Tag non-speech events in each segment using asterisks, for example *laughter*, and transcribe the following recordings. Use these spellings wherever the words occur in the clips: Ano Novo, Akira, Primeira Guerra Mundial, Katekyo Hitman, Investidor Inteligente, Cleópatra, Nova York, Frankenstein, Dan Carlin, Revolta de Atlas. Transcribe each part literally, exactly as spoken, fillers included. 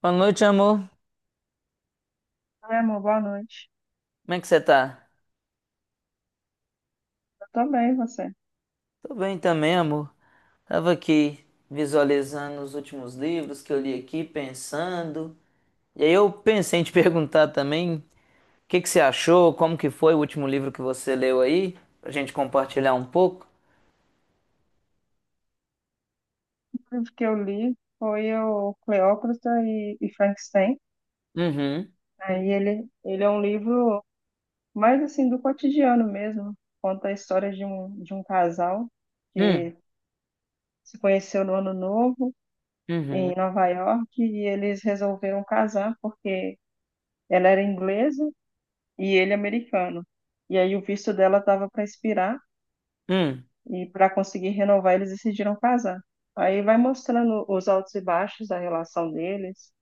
Boa noite, amor. Oi, amor, boa noite. Como é que você tá? Eu também, você. Tô bem também, amor. Tava aqui visualizando os últimos livros que eu li aqui, pensando. E aí eu pensei em te *laughs* perguntar também, o que que você achou? Como que foi o último livro que você leu aí? Pra gente compartilhar um pouco. O livro que eu li foi o Cleópatra e, e Frankenstein. Uhum. Aí ele, ele é um livro mais assim do cotidiano mesmo. Conta a história de um, de um casal Hum, que se conheceu no Ano Novo uhum. em Nova York e eles resolveram casar porque ela era inglesa e ele americano. E aí o visto dela estava para expirar. Hum. E para conseguir renovar, eles decidiram casar. Aí vai mostrando os altos e baixos da relação deles.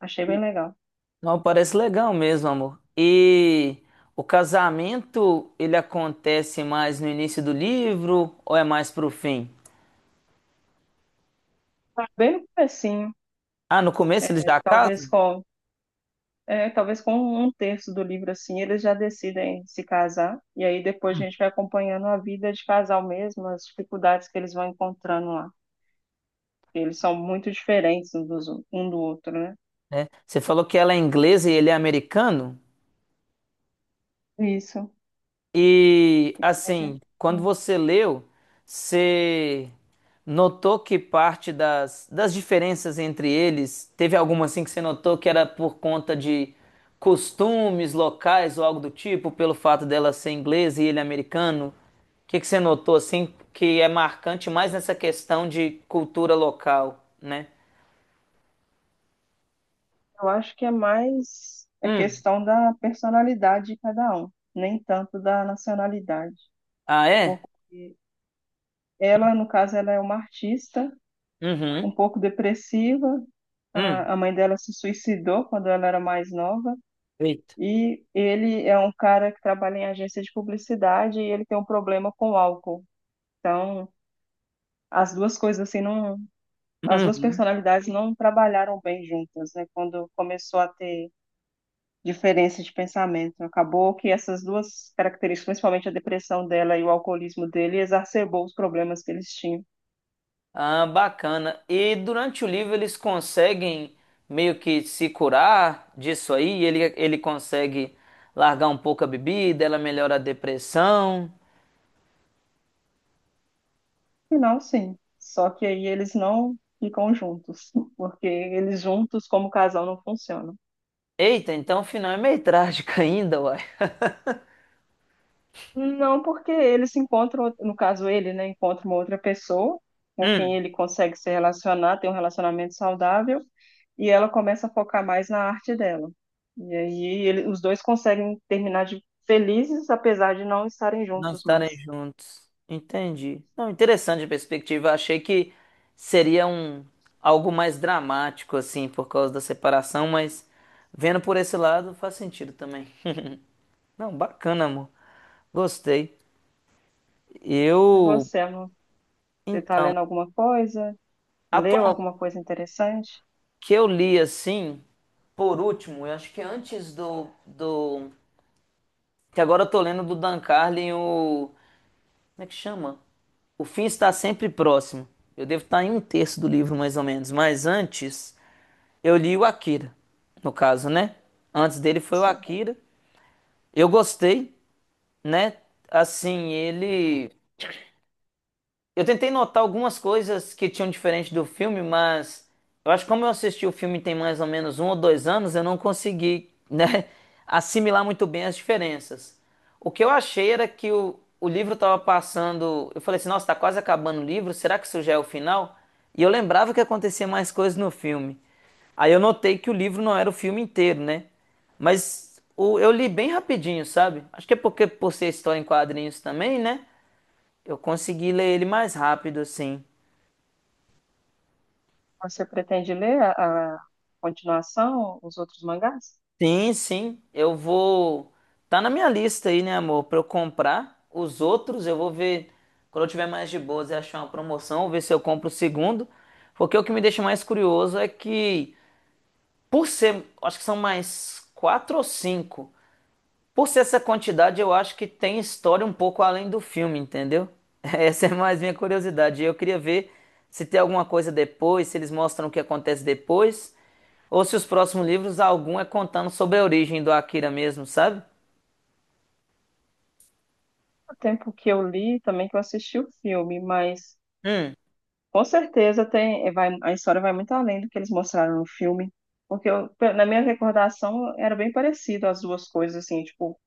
Achei bem E- legal. Não, parece legal mesmo, amor. E o casamento, ele acontece mais no início do livro ou é mais pro fim? Bem no comecinho, Ah, no começo eles já talvez casam? com, é, talvez com um terço do livro assim, eles já decidem se casar. E aí depois a gente vai acompanhando a vida de casal mesmo, as dificuldades que eles vão encontrando lá. Eles são muito diferentes um, dos, um do outro, né? Né? Você falou que ela é inglesa e ele é americano. Isso. E A assim, gente- quando você leu, você notou que parte das, das diferenças entre eles, teve alguma assim que você notou que era por conta de costumes locais ou algo do tipo, pelo fato dela ser inglesa e ele é americano? O que que você notou assim que é marcante mais nessa questão de cultura local, né? Eu acho que é mais a Hum. questão da personalidade de cada um, nem tanto da nacionalidade, Ah, é? porque ela, no caso, ela é uma artista, Uhum. um pouco depressiva, a Hum. a mãe dela se suicidou quando ela era mais nova, Eita. e ele é um cara que trabalha em agência de publicidade e ele tem um problema com álcool. Então, as duas coisas assim não, as duas Uhum. personalidades não trabalharam bem juntas, né? Quando começou a ter diferença de pensamento. Acabou que essas duas características, principalmente a depressão dela e o alcoolismo dele, exacerbou os problemas que eles tinham. Ah, bacana. E durante o livro eles conseguem meio que se curar disso aí? Ele, ele consegue largar um pouco a bebida, ela melhora a depressão. Final, sim. Só que aí eles não ficam juntos, *laughs* porque eles juntos como casal não funcionam. Eita, então o final é meio trágico *laughs* ainda, uai. Não, porque eles se encontram, no caso ele, né, encontra uma outra pessoa com quem Hum. ele consegue se relacionar, ter um relacionamento saudável, e ela começa a focar mais na arte dela. E aí ele- os dois conseguem terminar de felizes, apesar de não estarem Não juntos estarem mais. juntos. Entendi. Não, interessante a perspectiva. Achei que seria um algo mais dramático, assim, por causa da separação, mas vendo por esse lado faz sentido também. *laughs* Não, bacana, amor. Gostei. E Eu. você, amor? Você está Então, lendo alguma coisa? Leu atualmente alguma coisa interessante? que eu li assim, por último, eu acho que é antes do, do. Que agora eu tô lendo do Dan Carlin, o. Como é que chama? O fim está sempre próximo. Eu devo estar em um terço do livro, mais ou menos. Mas antes, eu li o Akira, no caso, né? Antes dele foi o Sim. Akira. Eu gostei, né? Assim, ele. Eu tentei notar algumas coisas que tinham diferente do filme, mas eu acho que como eu assisti o filme tem mais ou menos um ou dois anos, eu não consegui, né, *laughs* assimilar muito bem as diferenças. O que eu achei era que o, o livro estava passando. Eu falei assim, nossa, tá quase acabando o livro, será que isso já é o final? E eu lembrava que acontecia mais coisas no filme. Aí eu notei que o livro não era o filme inteiro, né? Mas o- eu li bem rapidinho, sabe? Acho que é porque por ser história em quadrinhos também, né? Eu consegui ler ele mais rápido, assim. Você pretende ler a, a continuação, os outros mangás? Sim, sim, eu vou. Tá na minha lista aí, né, amor? Pra eu comprar os outros, eu vou ver. Quando eu tiver mais de boas e achar uma promoção, vou ver se eu compro o segundo. Porque o que me deixa mais curioso é que, por ser. Acho que são mais quatro ou cinco. Por ser essa quantidade, eu acho que tem história um pouco além do filme, entendeu? *laughs* Essa é mais minha curiosidade. Eu queria ver se tem alguma coisa depois, se eles mostram o que acontece depois, ou se os próximos livros, algum é contando sobre a origem do Akira mesmo, sabe? O tempo que eu li, também que eu assisti o filme, mas Hum, com certeza tem, vai, a história vai muito além do que eles mostraram no filme, porque eu- pe- na minha recordação era bem parecido as duas coisas, assim, tipo,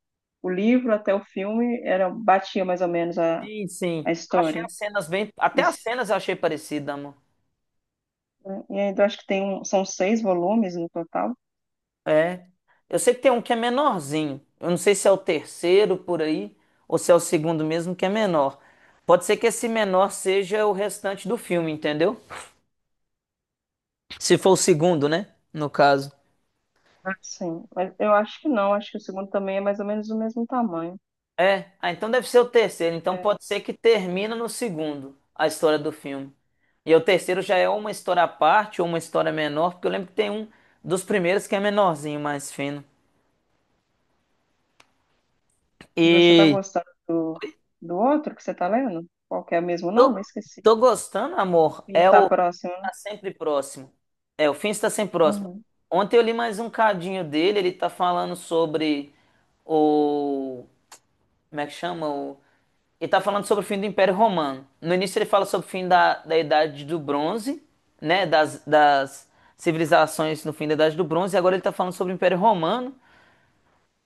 o livro até o filme era batia mais ou menos a, sim, sim. a Eu achei história. as cenas bem. E, Até as s- cenas eu achei parecida, amor. né, e ainda acho que tem um, são seis volumes no total. É. Eu sei que tem um que é menorzinho. Eu não sei se é o terceiro por aí, ou se é o segundo mesmo que é menor. Pode ser que esse menor seja o restante do filme, entendeu? Se for o segundo, né? No caso. Ah, Sim, mas eu acho que não, acho que o segundo também é mais ou menos do mesmo tamanho. É, ah, então deve ser o terceiro. Então É, pode ser que termina no segundo a história do filme. E o terceiro já é uma história à parte ou uma história menor, porque eu lembro que tem um dos primeiros que é menorzinho, mais fino. e você tá E gostando do, do outro que você tá lendo? Qual que é o mesmo nome? tô, Esqueci. tô gostando, amor. E É Está o próximo, né? Tá Sempre Próximo. É, o fim está sempre próximo. Uhum. Ontem eu li mais um cadinho dele, ele tá falando sobre o. Como é que chama? O ele tá falando sobre o fim do Império Romano. No início ele fala sobre o fim da, da Idade do Bronze, né? Das, das civilizações no fim da Idade do Bronze, e agora ele tá falando sobre o Império Romano.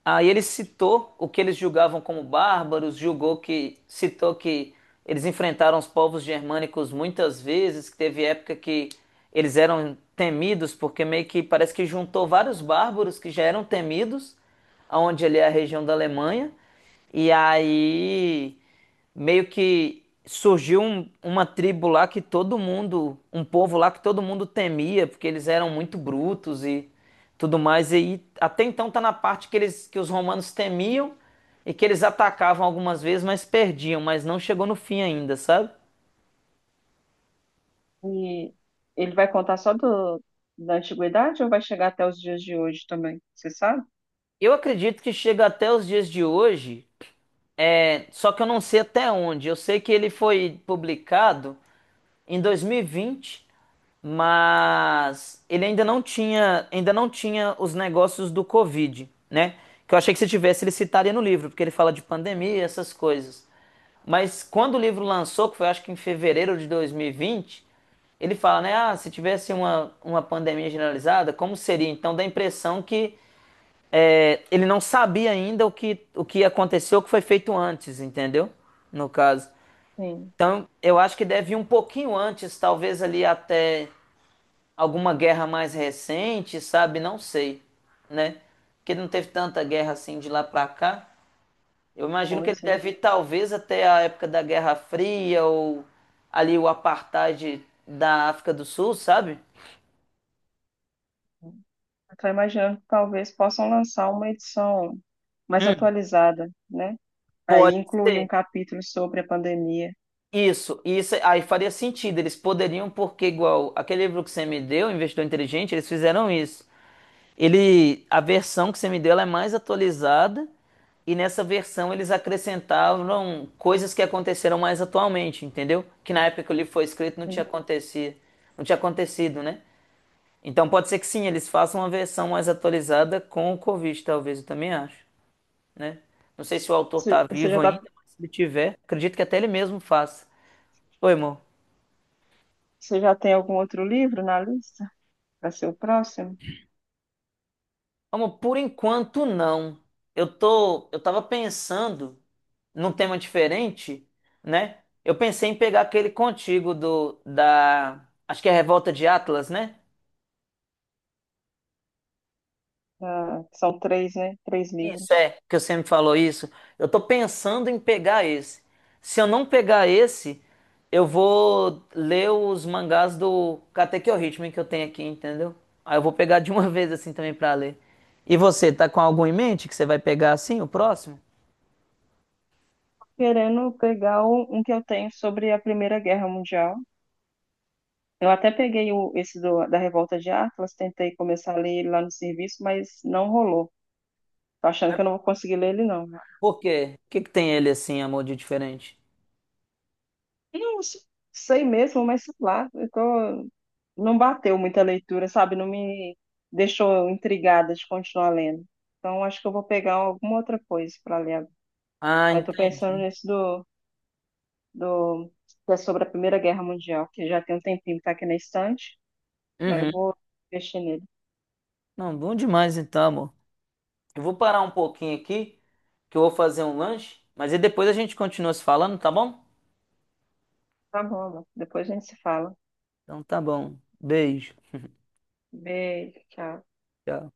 Aí ele citou o que eles julgavam como bárbaros, julgou que, citou que eles enfrentaram os povos germânicos muitas vezes, que teve época que eles eram temidos, porque meio que parece que juntou vários bárbaros que já eram temidos, aonde ali é a região da Alemanha. E aí meio que surgiu um- uma tribo lá que todo mundo, um povo lá que todo mundo temia, porque eles eram muito brutos e tudo mais. E aí, até então tá na parte que eles, que os romanos temiam e que eles atacavam algumas vezes, mas perdiam, mas não chegou no fim ainda, sabe? E ele vai contar só do, da antiguidade ou vai chegar até os dias de hoje também? Você sabe? Eu acredito que chega até os dias de hoje. É, só que eu não sei até onde. Eu sei que ele foi publicado em dois mil e vinte, mas ele ainda não tinha, ainda não tinha os negócios do Covid, né? Que eu achei que se tivesse ele citaria no livro, porque ele fala de pandemia e essas coisas. Mas quando o livro lançou, que foi acho que em fevereiro de dois mil e vinte, ele fala, né? Ah, se tivesse uma, uma pandemia generalizada, como seria? Então dá a impressão que é, ele não sabia ainda o que, o que aconteceu, o que foi feito antes, entendeu? No caso. Sim. Então, eu acho que deve ir um pouquinho antes, talvez ali até alguma guerra mais recente, sabe? Não sei, né? Porque não teve tanta guerra assim de lá pra cá. Eu imagino que ele Pois, né? deve ir talvez até a época da Guerra Fria ou ali o apartheid da África do Sul, sabe? Eu estou imaginando que talvez possam lançar uma edição mais Hum. atualizada, né? Aí Pode incluir um ser. capítulo sobre a pandemia. Isso, isso aí faria sentido. Eles poderiam, porque igual aquele livro que você me deu, Investidor Inteligente, eles fizeram isso. Ele, a versão que você me deu, ela é mais atualizada e nessa versão eles acrescentavam coisas que aconteceram mais atualmente, entendeu? Que na época que o livro foi escrito não tinha Sim. acontecido, não tinha acontecido, né? Então pode ser que sim, eles façam uma versão mais atualizada com o Covid, talvez, eu também acho, né? Não sei se o autor tá Você você vivo já tá, ainda, mas se ele tiver, acredito que até ele mesmo faça. Oi, irmão. você já tem algum outro livro na lista para ser o próximo? Amor, por enquanto não. Eu tô, eu tava pensando num tema diferente, né? Eu pensei em pegar aquele contigo do da, acho que é a Revolta de Atlas, né? Ah, são três, né? Três Isso livros. é, que você me falou isso. Eu tô pensando em pegar esse. Se eu não pegar esse, eu vou ler os mangás do Katekyo Hitman que eu tenho aqui, entendeu? Aí eu vou pegar de uma *laughs* vez assim também pra ler. E você, tá com algum em mente que você vai pegar assim, o próximo? Querendo pegar um, um que eu tenho sobre a Primeira Guerra Mundial. Eu até peguei o, esse do- da Revolta de Atlas, tentei começar a ler ele lá no serviço, mas não rolou. Tô achando que Mas eu não vou conseguir ler ele, não. por quê? O que que tem ele assim, amor, de diferente? Não s- sei mesmo, mas sei lá, eu tô- não bateu muita leitura, sabe? Não me deixou intrigada de continuar lendo. Então, acho que eu vou pegar alguma outra coisa para ler. Ah, Aí tô pensando entendi. nesse do, do, que é sobre a Primeira Guerra Mundial, que já tem um tempinho que tá aqui na estante. Aí eu Uhum. vou mexer nele. Não, bom demais então, amor. Eu vou parar um pouquinho aqui, que eu vou fazer um lanche, mas aí depois a gente continua se falando, tá bom? Tá bom, amor. depois a gente se fala. Então tá bom. Beijo. Beijo, tchau. Tchau.